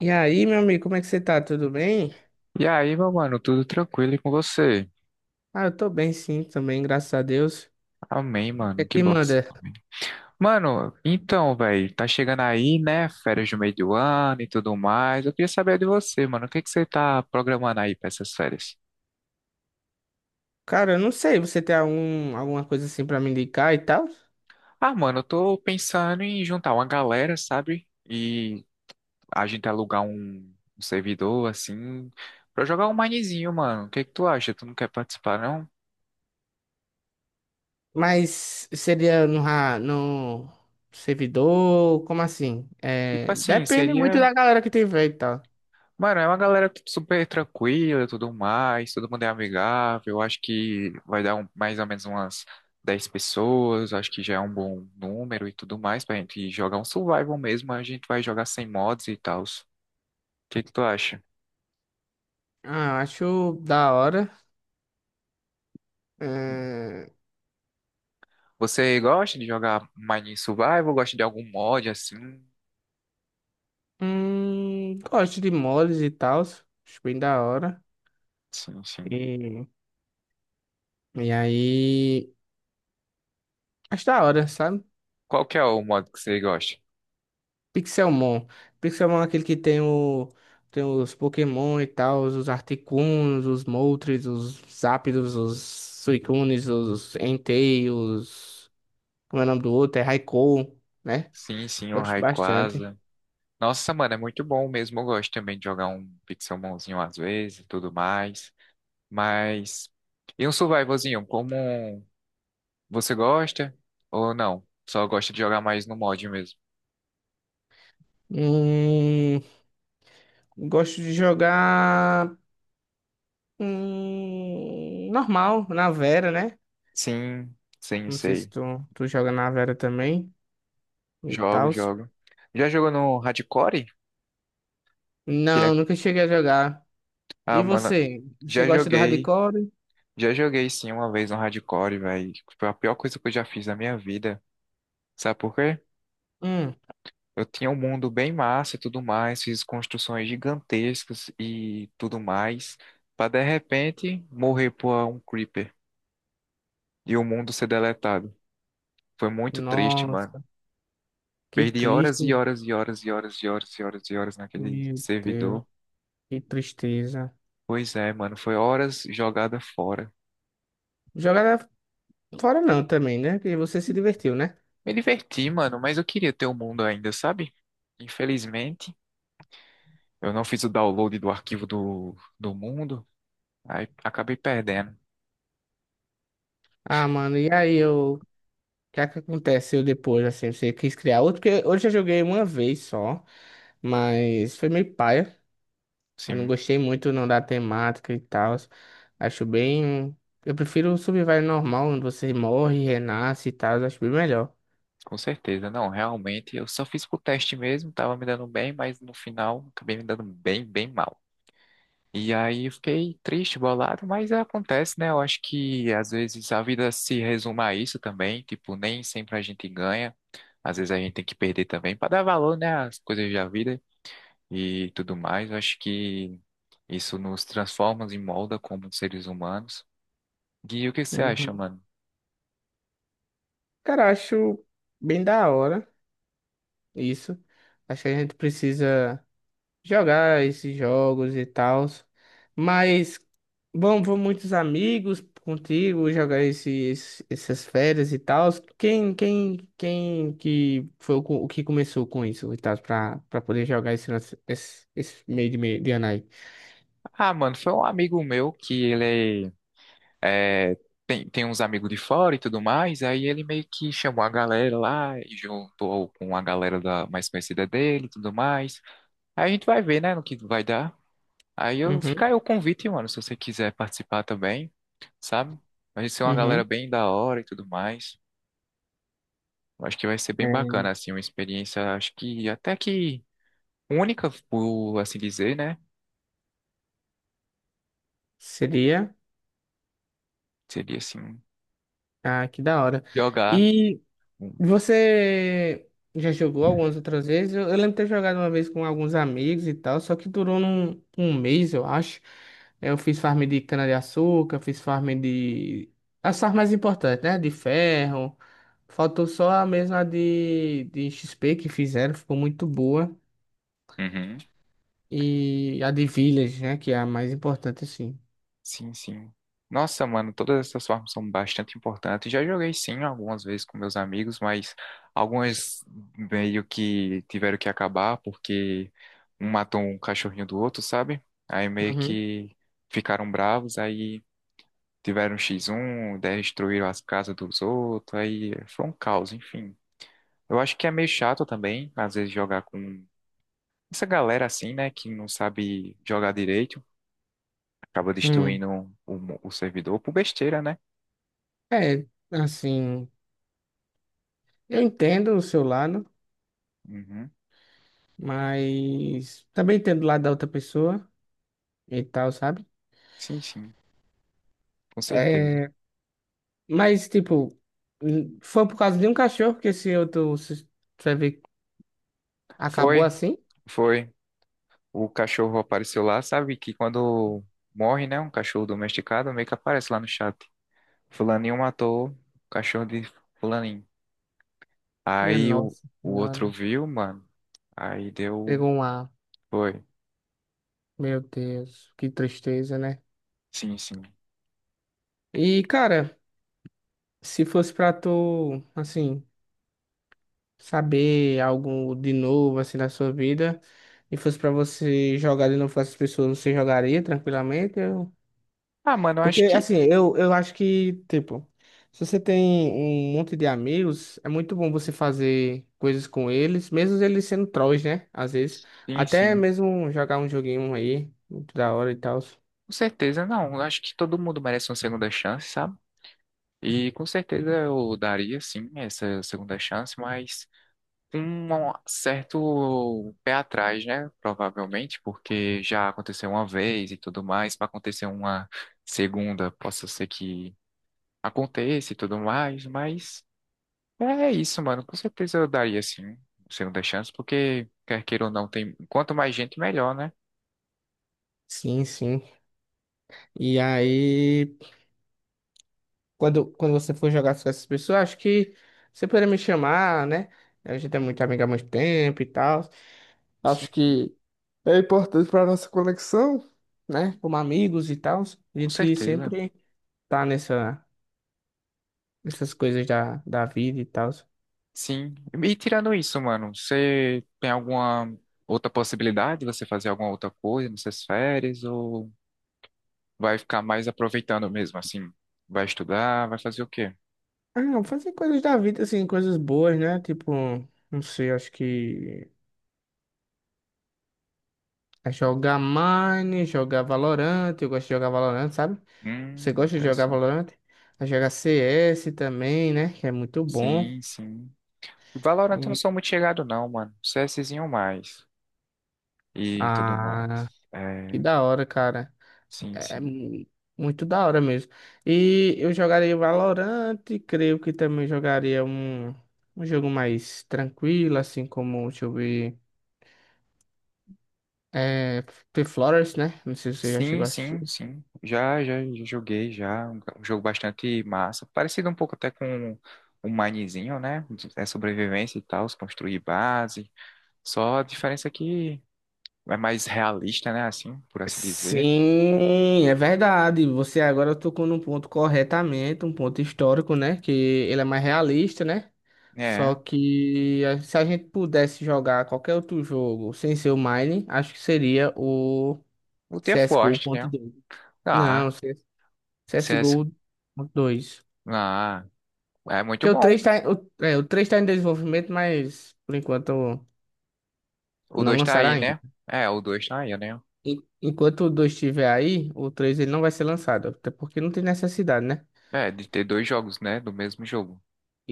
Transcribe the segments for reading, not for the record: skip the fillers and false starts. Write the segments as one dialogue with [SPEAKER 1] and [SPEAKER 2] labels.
[SPEAKER 1] E aí, meu amigo, como é que você tá? Tudo bem?
[SPEAKER 2] E aí, meu mano, tudo tranquilo e com você?
[SPEAKER 1] Eu tô bem sim, também, graças a Deus.
[SPEAKER 2] Amém,
[SPEAKER 1] O que é
[SPEAKER 2] mano. Que
[SPEAKER 1] que
[SPEAKER 2] bom que você
[SPEAKER 1] manda?
[SPEAKER 2] tá bem. Mano, então, velho, tá chegando aí, né? Férias do meio do ano e tudo mais. Eu queria saber de você, mano. O que que você tá programando aí pra essas férias?
[SPEAKER 1] Cara, eu não sei, você tem alguma coisa assim pra me indicar e tal?
[SPEAKER 2] Ah, mano, eu tô pensando em juntar uma galera, sabe? E a gente alugar um servidor, assim, pra jogar um minezinho, mano. O que que tu acha? Tu não quer participar, não?
[SPEAKER 1] Mas seria no servidor, como assim?
[SPEAKER 2] Tipo
[SPEAKER 1] É,
[SPEAKER 2] assim,
[SPEAKER 1] depende muito
[SPEAKER 2] seria.
[SPEAKER 1] da galera que tiver e tal.
[SPEAKER 2] Mano, é uma galera tipo, super tranquila e tudo mais, todo mundo é amigável. Eu Acho que vai dar mais ou menos umas 10 pessoas, acho que já é um bom número e tudo mais pra gente jogar um survival mesmo. A gente vai jogar sem mods e tal. O que que tu acha?
[SPEAKER 1] Ah, eu acho da hora. É,
[SPEAKER 2] Você gosta de jogar Mining Survival? Gosta de algum mod assim?
[SPEAKER 1] gosto de mods e tal, acho bem da hora.
[SPEAKER 2] Sim, sim.
[SPEAKER 1] E, e aí, acho da hora, sabe?
[SPEAKER 2] Qual que é o mod que você gosta?
[SPEAKER 1] Pixelmon. Pixelmon é aquele que tem o tem os Pokémon e tal, os Articunos, os Moltres, os Zapdos, os Suicunes, os Entei, os... como é o nome do outro? É Raikou, né?
[SPEAKER 2] Sim, sim, o
[SPEAKER 1] Gosto bastante.
[SPEAKER 2] Rayquaza. Nossa, mano, é muito bom mesmo. Eu gosto também de jogar um Pixelmonzinho às vezes e tudo mais. Mas. E um survivalzinho, como você gosta ou não? Só gosta de jogar mais no mod mesmo?
[SPEAKER 1] Hum, gosto de jogar normal, na Vera, né?
[SPEAKER 2] Sim, sim,
[SPEAKER 1] Não sei se
[SPEAKER 2] sei.
[SPEAKER 1] tu joga na Vera também e
[SPEAKER 2] Jogo,
[SPEAKER 1] tal.
[SPEAKER 2] jogo. Já jogou no Hardcore? Que
[SPEAKER 1] Não,
[SPEAKER 2] é...
[SPEAKER 1] nunca cheguei a jogar.
[SPEAKER 2] Ah,
[SPEAKER 1] E
[SPEAKER 2] mano,
[SPEAKER 1] você? Você
[SPEAKER 2] já
[SPEAKER 1] gosta do
[SPEAKER 2] joguei.
[SPEAKER 1] hardcore?
[SPEAKER 2] Já joguei sim uma vez no Hardcore, velho. Foi a pior coisa que eu já fiz na minha vida. Sabe por quê?
[SPEAKER 1] Hum.
[SPEAKER 2] Eu tinha um mundo bem massa e tudo mais, fiz construções gigantescas e tudo mais, pra de repente morrer por um creeper e o mundo ser deletado. Foi muito triste, mano.
[SPEAKER 1] Nossa, que
[SPEAKER 2] Perdi horas
[SPEAKER 1] triste.
[SPEAKER 2] e horas e horas e horas e horas e horas e horas naquele
[SPEAKER 1] Meu Deus,
[SPEAKER 2] servidor.
[SPEAKER 1] que tristeza.
[SPEAKER 2] Pois é, mano, foi horas jogada fora.
[SPEAKER 1] Jogar fora não também, né? Porque você se divertiu, né?
[SPEAKER 2] Me diverti, mano, mas eu queria ter o mundo ainda, sabe? Infelizmente, eu não fiz o download do arquivo do mundo, aí acabei perdendo.
[SPEAKER 1] Ah, mano, e aí eu. O que é que aconteceu depois, assim? Você quis criar outro? Porque hoje eu joguei uma vez só, mas foi meio paia. Eu não
[SPEAKER 2] Sim,
[SPEAKER 1] gostei muito não da temática e tal. Acho bem. Eu prefiro o Survival normal, onde você morre, renasce e tal. Acho bem melhor.
[SPEAKER 2] com certeza. Não, realmente, eu só fiz pro teste mesmo, tava me dando bem, mas no final acabei me dando bem, bem mal. E aí eu fiquei triste, bolado, mas acontece, né? Eu acho que às vezes a vida se resume a isso também, tipo, nem sempre a gente ganha, às vezes a gente tem que perder também para dar valor, né, às coisas da vida e tudo mais. Eu acho que isso nos transforma e molda como seres humanos. Gui, o que você acha,
[SPEAKER 1] Uhum.
[SPEAKER 2] mano?
[SPEAKER 1] Cara, acho bem da hora isso. Acho que a gente precisa jogar esses jogos e tal. Mas vão muitos amigos contigo jogar essas férias e tal. Quem que foi o que começou com isso e tal, pra poder jogar esse meio de, de ano aí?
[SPEAKER 2] Ah, mano, foi um amigo meu que é, tem, tem uns amigos de fora e tudo mais, aí ele meio que chamou a galera lá e juntou com a galera da, mais conhecida dele e tudo mais. Aí a gente vai ver, né, no que vai dar. Aí eu
[SPEAKER 1] Uhum,
[SPEAKER 2] fica aí o convite, mano, se você quiser participar também, sabe? Vai ser uma galera
[SPEAKER 1] uhum.
[SPEAKER 2] bem da hora e tudo mais. Eu acho que vai ser bem
[SPEAKER 1] É,
[SPEAKER 2] bacana, assim, uma experiência, acho que até que única, por assim dizer, né?
[SPEAKER 1] seria.
[SPEAKER 2] Seria assim,
[SPEAKER 1] Ah, que da hora.
[SPEAKER 2] jogar.
[SPEAKER 1] E.
[SPEAKER 2] Um,
[SPEAKER 1] Você já jogou algumas outras vezes? Eu lembro de ter jogado uma vez com alguns amigos e tal, só que durou um mês, eu acho. É, eu fiz farm de cana-de-açúcar, fiz farm de... as farms mais importantes, né? De ferro. Faltou só a mesma de XP que fizeram, ficou muito boa.
[SPEAKER 2] Uhum.
[SPEAKER 1] E a de Village, né? Que é a mais importante, assim.
[SPEAKER 2] Sim, sim. Nossa, mano, todas essas formas são bastante importantes. Já joguei sim algumas vezes com meus amigos, mas algumas meio que tiveram que acabar porque um matou um cachorrinho do outro, sabe? Aí meio
[SPEAKER 1] Uhum.
[SPEAKER 2] que ficaram bravos, aí tiveram X1, destruíram as casas dos outros, aí foi um caos, enfim. Eu acho que é meio chato também, às vezes, jogar com essa galera assim, né, que não sabe jogar direito, acaba
[SPEAKER 1] Hum.
[SPEAKER 2] destruindo o servidor por besteira, né?
[SPEAKER 1] É, assim, eu entendo o seu lado,
[SPEAKER 2] Uhum.
[SPEAKER 1] mas também entendo o lado da outra pessoa e tal, sabe?
[SPEAKER 2] Sim, sim, com certeza.
[SPEAKER 1] É, mas, tipo, foi por causa de um cachorro que esse outro se- você vê, acabou
[SPEAKER 2] Foi,
[SPEAKER 1] assim?
[SPEAKER 2] foi. O cachorro apareceu lá, sabe que quando morre, né, um cachorro domesticado, meio que aparece lá no chat. Fulaninho matou o cachorro de fulaninho.
[SPEAKER 1] Minha
[SPEAKER 2] Aí o,
[SPEAKER 1] nossa
[SPEAKER 2] o outro
[SPEAKER 1] senhora.
[SPEAKER 2] viu, mano. Aí deu.
[SPEAKER 1] Pegou um ar.
[SPEAKER 2] Foi.
[SPEAKER 1] Meu Deus, que tristeza, né?
[SPEAKER 2] Sim, sim.
[SPEAKER 1] E, cara, se fosse pra tu, assim, saber algo de novo, assim, na sua vida, e fosse pra você jogar de novo com essas pessoas, você jogaria tranquilamente?
[SPEAKER 2] Ah, mano, eu
[SPEAKER 1] Porque,
[SPEAKER 2] acho que.
[SPEAKER 1] assim, eu acho que, tipo, se você tem um monte de amigos, é muito bom você fazer coisas com eles, mesmo eles sendo trolls, né? Às vezes.
[SPEAKER 2] Sim,
[SPEAKER 1] Até
[SPEAKER 2] sim.
[SPEAKER 1] mesmo jogar um joguinho aí, muito da hora e tal.
[SPEAKER 2] Com certeza, não. Eu acho que todo mundo merece uma segunda chance, sabe? E com certeza eu daria, sim, essa segunda chance, mas. Um certo pé atrás, né? Provavelmente, porque já aconteceu uma vez e tudo mais, para acontecer uma segunda, possa ser que aconteça e tudo mais, mas é isso, mano. Com certeza eu daria assim, uma segunda chance, porque quer queira ou não, tem quanto mais gente, melhor, né?
[SPEAKER 1] Sim, sim. E aí, quando você for jogar com essas pessoas, acho que você poderia me chamar, né? A gente é muito amigo há muito tempo e tal.
[SPEAKER 2] Sim,
[SPEAKER 1] Acho
[SPEAKER 2] sim.
[SPEAKER 1] que é importante para nossa conexão, né? Como amigos e tal. A
[SPEAKER 2] Com
[SPEAKER 1] gente
[SPEAKER 2] certeza.
[SPEAKER 1] sempre tá nessa. Essas coisas da vida e tal.
[SPEAKER 2] Sim. E tirando isso, mano, você tem alguma outra possibilidade de você fazer alguma outra coisa nessas férias ou vai ficar mais aproveitando mesmo, assim. Vai estudar, vai fazer o quê?
[SPEAKER 1] Ah, fazer coisas da vida, assim, coisas boas, né? Tipo, não sei, acho que é jogar Mine, jogar Valorant. Eu gosto de jogar Valorant, sabe? Você gosta de jogar
[SPEAKER 2] Interessante.
[SPEAKER 1] Valorant? É jogar CS também, né? Que é muito bom.
[SPEAKER 2] Sim, sim. Valorant eu não
[SPEAKER 1] E-
[SPEAKER 2] sou muito chegado, não, mano. CSzinho mais. E tudo mais.
[SPEAKER 1] ah, que
[SPEAKER 2] É,
[SPEAKER 1] da hora, cara.
[SPEAKER 2] sim,
[SPEAKER 1] É é
[SPEAKER 2] sim.
[SPEAKER 1] mu- muito da hora mesmo. E eu jogaria Valorant, creio que também jogaria um jogo mais tranquilo, assim como, deixa eu ver. É, The Flowers, né? Não sei se você já
[SPEAKER 2] Sim,
[SPEAKER 1] chegou a assistir.
[SPEAKER 2] sim, sim. Já joguei, já. Um jogo bastante massa. Parecido um pouco até com o Minezinho, né? É sobrevivência e tal, se construir base. Só a diferença é que é mais realista, né? Assim, por assim dizer.
[SPEAKER 1] Sim, é verdade. Você agora tocou num ponto corretamente, um ponto histórico, né? Que ele é mais realista, né? Só
[SPEAKER 2] É.
[SPEAKER 1] que se a gente pudesse jogar qualquer outro jogo sem ser o Mine, acho que seria o
[SPEAKER 2] O The Forest, né?
[SPEAKER 1] CSGO.2.
[SPEAKER 2] Ah,
[SPEAKER 1] Não, CS
[SPEAKER 2] CS.
[SPEAKER 1] CSGO.2.
[SPEAKER 2] Ah, é muito
[SPEAKER 1] Que o 3
[SPEAKER 2] bom.
[SPEAKER 1] tá, em- o, é, o 3 tá em desenvolvimento, mas por enquanto
[SPEAKER 2] O
[SPEAKER 1] não
[SPEAKER 2] 2 tá
[SPEAKER 1] lançaram
[SPEAKER 2] aí,
[SPEAKER 1] ainda.
[SPEAKER 2] né? É, o dois tá aí, né?
[SPEAKER 1] Enquanto o 2 estiver aí, o 3 ele não vai ser lançado, até porque não tem necessidade, né?
[SPEAKER 2] É, de ter dois jogos, né? Do mesmo jogo.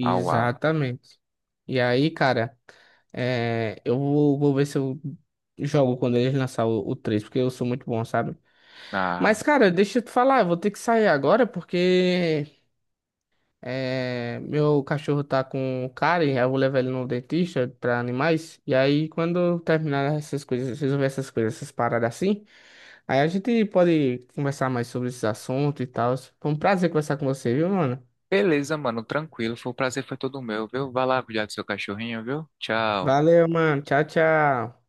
[SPEAKER 2] Ah, uau.
[SPEAKER 1] E aí, cara, vou ver se eu jogo quando eles lançar o 3, porque eu sou muito bom, sabe?
[SPEAKER 2] Ah,
[SPEAKER 1] Mas, cara, deixa eu te falar, eu vou ter que sair agora, porque... é, meu cachorro tá com cárie, aí eu vou levar ele no dentista pra animais. E aí, quando eu terminar essas coisas, resolver essas coisas, essas paradas assim, aí a gente pode conversar mais sobre esses assuntos e tal. Foi um prazer conversar com você, viu, mano?
[SPEAKER 2] beleza, mano. Tranquilo. Foi um prazer, foi todo meu, viu? Vai lá cuidar do seu cachorrinho, viu? Tchau.
[SPEAKER 1] Valeu, mano. Tchau, tchau.